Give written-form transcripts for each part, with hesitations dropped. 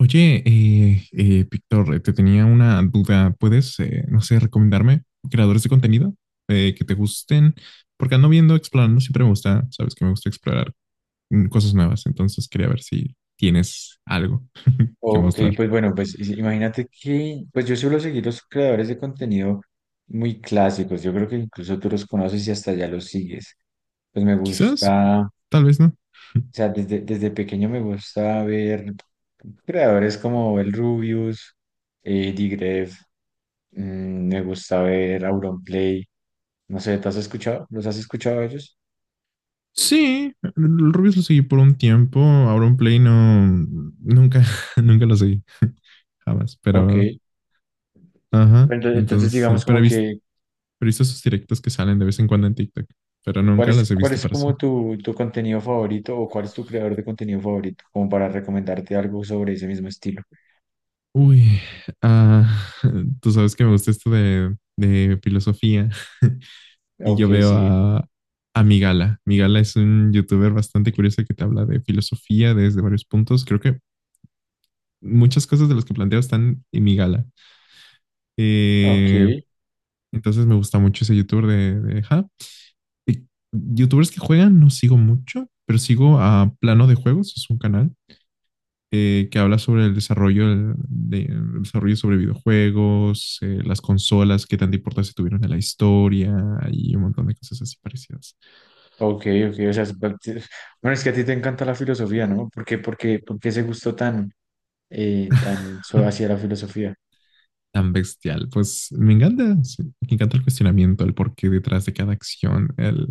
Oye, Víctor, te tenía una duda. ¿Puedes, no sé, recomendarme creadores de contenido que te gusten? Porque ando viendo, explorando, siempre me gusta, sabes que me gusta explorar cosas nuevas, entonces quería ver si tienes algo que Ok, mostrar. pues bueno, pues imagínate que, pues yo suelo seguir los creadores de contenido muy clásicos. Yo creo que incluso tú los conoces y hasta ya los sigues. Pues me Quizás, gusta, o tal vez no. sea, desde pequeño me gusta ver creadores como el Rubius, Digref, me gusta ver Auronplay, no sé, ¿te has escuchado? ¿Los has escuchado a ellos? Sí, el Rubius lo seguí por un tiempo, ahora un Play no, nunca, nunca lo seguí, jamás, Ok, pero, ajá, entonces entonces, digamos como que pero he visto sus directos que salen de vez en cuando en TikTok, pero ¿cuál nunca es, las he cuál visto es para sí. como tu contenido favorito, o cuál es tu creador de contenido favorito? Como para recomendarte algo sobre ese mismo estilo. Uy, ah, tú sabes que me gusta esto de filosofía. Y Ok, sí. A Migala. Migala es un youtuber bastante curioso que te habla de filosofía desde varios puntos. Creo que muchas cosas de las que planteo están en Migala. Ok, Eh, entonces me gusta mucho ese youtuber de ajá. Y youtubers que juegan no sigo mucho, pero sigo a Plano de Juegos, es un canal que habla sobre el desarrollo, el desarrollo sobre videojuegos, las consolas, qué tanta importancia tuvieron en la historia y un montón de cosas así parecidas. ok, ok. O sea, bueno, es que a ti te encanta la filosofía, ¿no? ¿Por qué, por qué, por qué ese gusto tan, tan hacia la filosofía? Tan bestial. Pues me encanta, sí, me encanta el cuestionamiento, el porqué detrás de cada acción, el,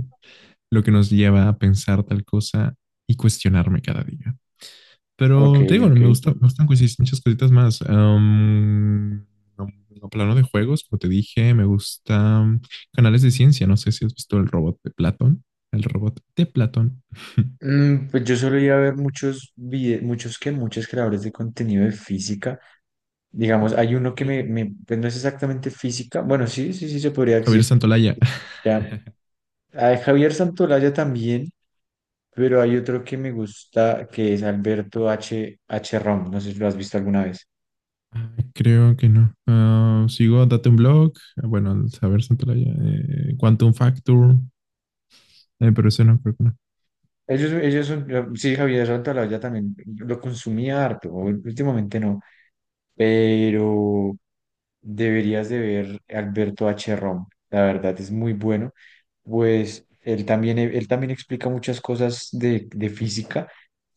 lo que nos lleva a pensar tal cosa y cuestionarme cada día. Ok, Pero te digo, no ok. me gusta, me gustan coincidir muchas cositas más. No, no plano de juegos, como te dije, me gustan canales de ciencia. No sé si has visto el robot de Platón. El robot de Platón. Pues yo solo iba a ver muchos muchos que muchos creadores de contenido de física. Digamos, hay uno que Mira, me, pues no es exactamente física. Bueno, sí, sí, sí se podría Javier decir. Santolaya. Ya. A Javier Santolaya también, pero hay otro que me gusta que es Alberto H. H. Rom. No sé si lo has visto alguna vez. Ah, creo que no. Ah, sigo Date un Blog. Ah, bueno, Javier Santolaya, Quantum Factor, pero ese no, creo que no. Ellos son, sí, Javier Santolaya también lo consumía harto, últimamente no, pero deberías de ver Alberto H. Rom. La verdad es muy bueno, pues él también explica muchas cosas de física,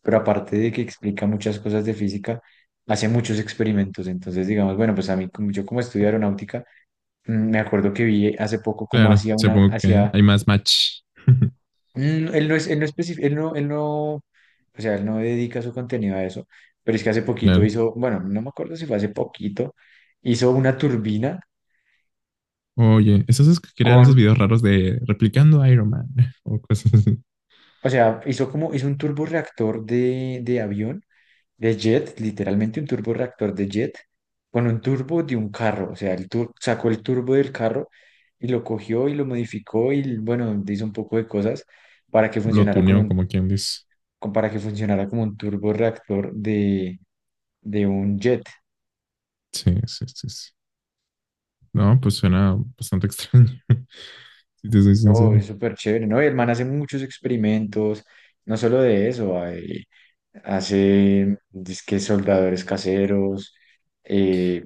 pero aparte de que explica muchas cosas de física, hace muchos experimentos. Entonces, digamos, bueno, pues a mí, yo como estudio aeronáutica, me acuerdo que vi hace poco cómo Claro, hacía una, supongo que hacía, hay más match. Él no es, él no él no, él no, o sea, él no dedica su contenido a eso, pero es que hace poquito Claro. hizo, bueno, no me acuerdo si fue hace poquito, hizo una turbina Oye, esos es que crean esos con, videos raros de replicando Iron Man o cosas así. o sea, hizo como, hizo un turborreactor de avión, de jet, literalmente un turborreactor de jet, con un turbo de un carro, o sea, el sacó el turbo del carro y lo cogió y lo modificó y, bueno, hizo un poco de cosas para que Lo funcionara como tuneó, un, como quien dice. como para que funcionara como un turborreactor de un jet. Sí, sí, sí, sí. No, pues suena bastante extraño, si te soy No, sincera. es súper chévere, ¿no? Y el man hace muchos experimentos, no solo de eso, hace disque soldadores caseros, eh,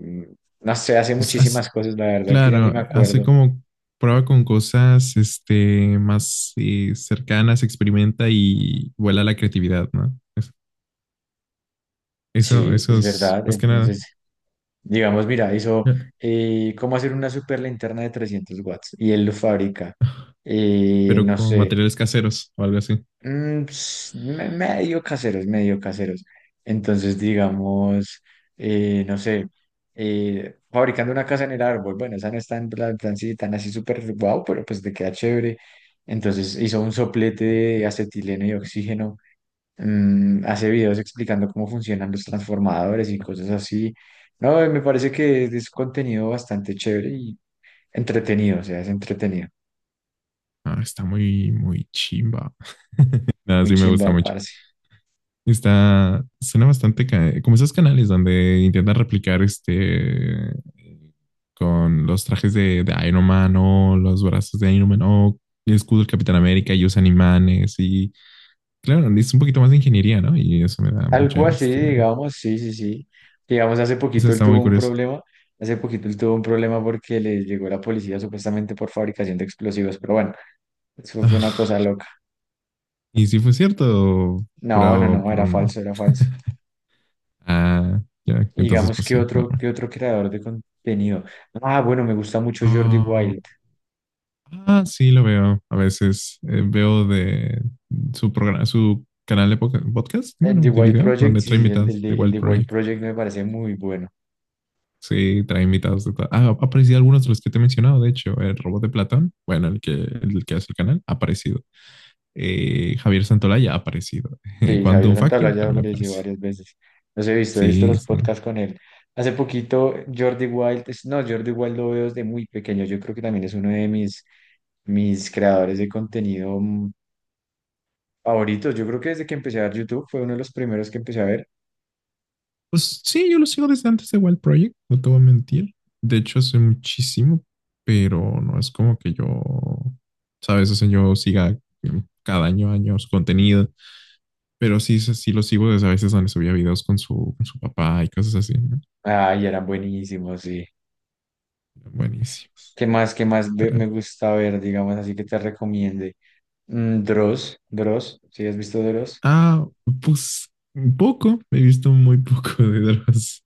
no sé, hace Es, as- muchísimas cosas, la verdad que ya ni claro, me hace acuerdo. como prueba con cosas este, más cercanas, experimenta y vuela la creatividad, ¿no? Es... Eso, Sí, eso es es verdad. más que nada, Entonces, digamos, mira, hizo eh, cómo hacer una super linterna de 300 watts y él lo fabrica. Pero No con sé, materiales caseros o algo así. Ps, medio caseros, medio caseros. Entonces, digamos, no sé, fabricando una casa en el árbol, bueno, esa no está en plan, plan sí, tan así súper guau, pero pues te queda chévere. Entonces hizo un soplete de acetileno y oxígeno, hace videos explicando cómo funcionan los transformadores y cosas así. No, me parece que es contenido bastante chévere y entretenido, o sea, es entretenido. Ah, está muy, muy chimba. Nada, Muy sí me gusta chimba, mucho. parce. Está, suena bastante como esos canales donde intentan replicar este con los trajes de Iron Man o los brazos de Iron Man o el escudo del Capitán América y usan imanes y claro, es un poquito más de ingeniería, ¿no? Y eso me da mucha, Algo así, este, digamos, sí, sí, sí. Digamos, eso está muy curioso. Hace poquito él tuvo un problema porque le llegó la policía supuestamente por fabricación de explosivos, pero bueno, eso fue una cosa Ah, loca. ¿y si fue cierto, pura, No, no, no, era puro- falso, era falso. ah, ya, entonces Digamos, pues que sí, otro, ¿qué normal. otro creador de contenido? Ah, bueno, me gusta mucho Jordi Ah, Wild. ah, sí, lo veo. A veces veo de su programa, su canal de podcast, El bueno, de de Wild video, Project, donde trae sí, invitados de el Wild de Wild Project. Project me parece muy bueno. Sí, trae invitados de... ah, ha aparecido algunos de los que te he mencionado, de hecho, el robot de Platón, bueno, el que hace el canal, ha aparecido. Javier Santolaya ha aparecido. Sí, Javier Quantum Santaolalla Factor ya también apareció aparece. varias veces. Los he visto Sí, los sí. podcasts con él. Hace poquito Jordi Wild, no, Jordi Wild lo veo desde muy pequeño. Yo creo que también es uno de mis, mis creadores de contenido favoritos. Yo creo que desde que empecé a ver YouTube fue uno de los primeros que empecé a ver. Pues sí, yo lo sigo desde antes de Wild Project, no te voy a mentir. De hecho, hace muchísimo, pero no es como que yo, sabes, o sea, yo siga cada año, años contenido, pero sí, sí sí lo sigo desde a veces donde subía videos con su papá y cosas así, ¿no? Ay, eran buenísimos, sí. Buenísimos. Qué más Pero... me gusta ver, digamos, así que te recomiende? Dross, Dross, ¿sí has visto Dross? ah, pues un poco, he visto muy poco de dramas,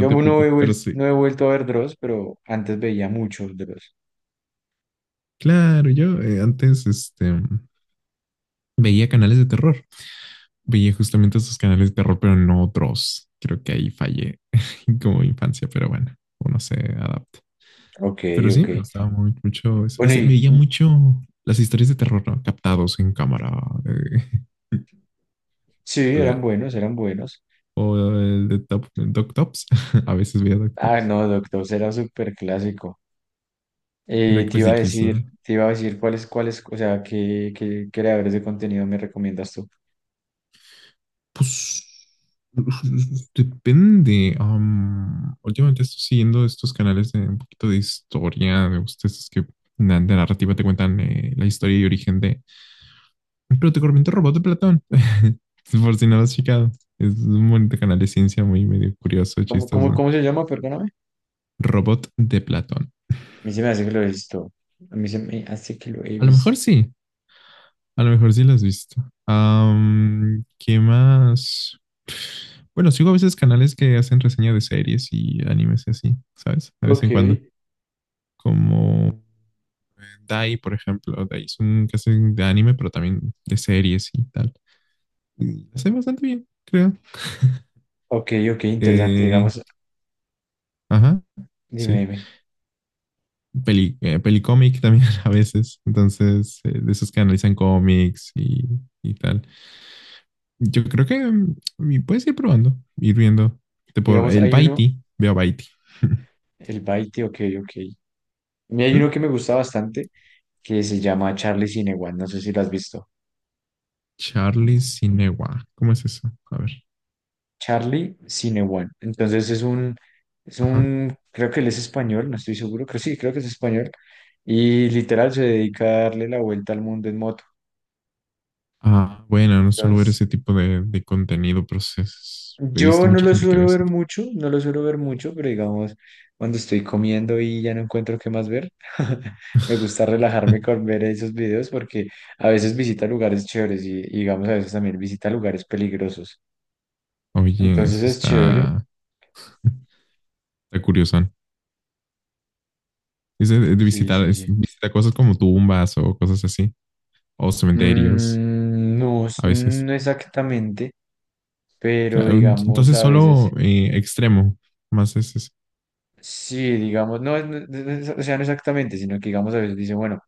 Yo no he, poco, pero sí. no he vuelto a ver Dross, pero antes veía mucho Dross. Claro, yo antes este, veía canales de terror. Veía justamente esos canales de terror, pero no otros. Creo que ahí fallé como infancia, pero bueno, uno se adapta. Ok, Pero sí, ok. me gustaba muy, mucho eso. Bueno, Ese... veía y mucho las historias de terror, ¿no?, captados en cámara. eh, sí, eran la... buenos, eran buenos. o el de Top, Doc Tops. A veces veía Doc Ah, Tops. no, Doctor era súper clásico. Era Te iba a decir, clasiquísimo. te iba a decir cuáles, cuáles, o sea, qué, qué creadores de contenido me recomiendas tú. Pues depende. Últimamente estoy siguiendo estos canales de un poquito de historia. Me gustan estos que de narrativa te cuentan la historia y origen de... pero te corriente robot de Platón. Por si no lo has checado. Es un bonito canal de ciencia muy medio curioso, ¿Cómo, cómo, chistoso. cómo se llama? Perdóname. Robot de Platón. A mí se me hace que lo he visto. A mí se me hace que lo he A lo mejor visto. sí. A lo mejor sí lo has visto. ¿Qué más? Bueno, sigo a veces canales que hacen reseña de series y animes y así, ¿sabes? De vez Ok, en cuando. Como Dai, por ejemplo. Dai es un que hacen de anime, pero también de series y tal. Y hace bastante bien, creo. ok, ok, interesante. Eh, Digamos, ajá, dime, sí. dime. Peli, pelicómic también a veces, entonces, de esos que analizan cómics y tal. Yo creo que puedes ir probando, ir viendo. Te por Digamos, el hay uno, Baiti, veo Baiti. el Baite, ok, ok. Y hay uno Ujú. que me gusta bastante que se llama Charlie Cinewan. No sé si lo has visto. Charlie Sinewa, ¿cómo es eso? A ver. Charlie Cinewan. Entonces es Ajá. un, creo que él es español, no estoy seguro, creo sí, creo que es español. Y literal se dedica a darle la vuelta al mundo en moto. Ah, bueno, no suelo ver Entonces, ese tipo de contenido, pero sí he yo visto no mucha lo gente que ve suelo ver ese tipo. mucho, no lo suelo ver mucho, pero digamos, cuando estoy comiendo y ya no encuentro qué más ver, me gusta relajarme con ver esos videos porque a veces visita lugares chéveres y digamos, a veces también visita lugares peligrosos. Oye, Entonces eso es chévere. está, está curioso. Es de Sí, visitar, sí, sí. visita cosas como tumbas o cosas así, o cementerios. No, A veces. no exactamente, pero Claro, digamos entonces a solo veces, extremo, más es, es- sí, digamos, no, o sea, no exactamente, sino que digamos a veces dice, bueno,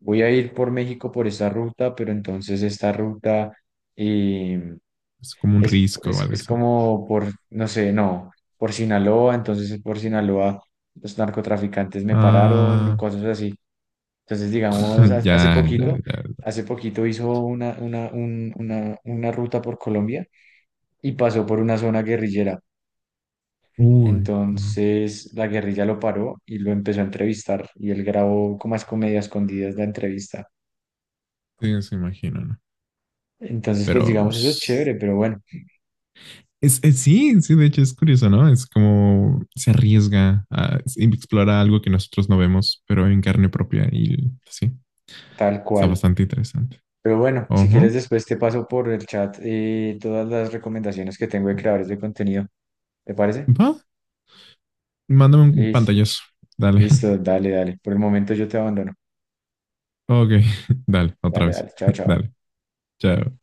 voy a ir por México por esta ruta, pero entonces esta ruta eh, es como un risco o algo es así. como por, no sé, no, por Sinaloa, entonces por Sinaloa los narcotraficantes me pararon, Ah, cosas así. Entonces, digamos, ya, ya, ya, ya. hace poquito hizo una, una ruta por Colombia y pasó por una zona guerrillera. Uy, no. Entonces la guerrilla lo paró y lo empezó a entrevistar y él grabó como es comedia escondidas la entrevista. Sí, se imagino, ¿no? Entonces, pues Pero digamos, eso es s- chévere, pero bueno, sí, sí, de hecho es curioso, ¿no? Es como se arriesga a explorar algo que nosotros no vemos, pero en carne propia y sí, tal está cual. bastante interesante. Pero bueno, si quieres Ojo, después te paso por el chat todas las recomendaciones que tengo de creadores de contenido. ¿Te parece? va, mándame un Liz, pantallazo, dale. listo, dale, dale. Por el momento yo te abandono. Ok, dale, otra Dale, vez, dale, chao, chao. dale, chao.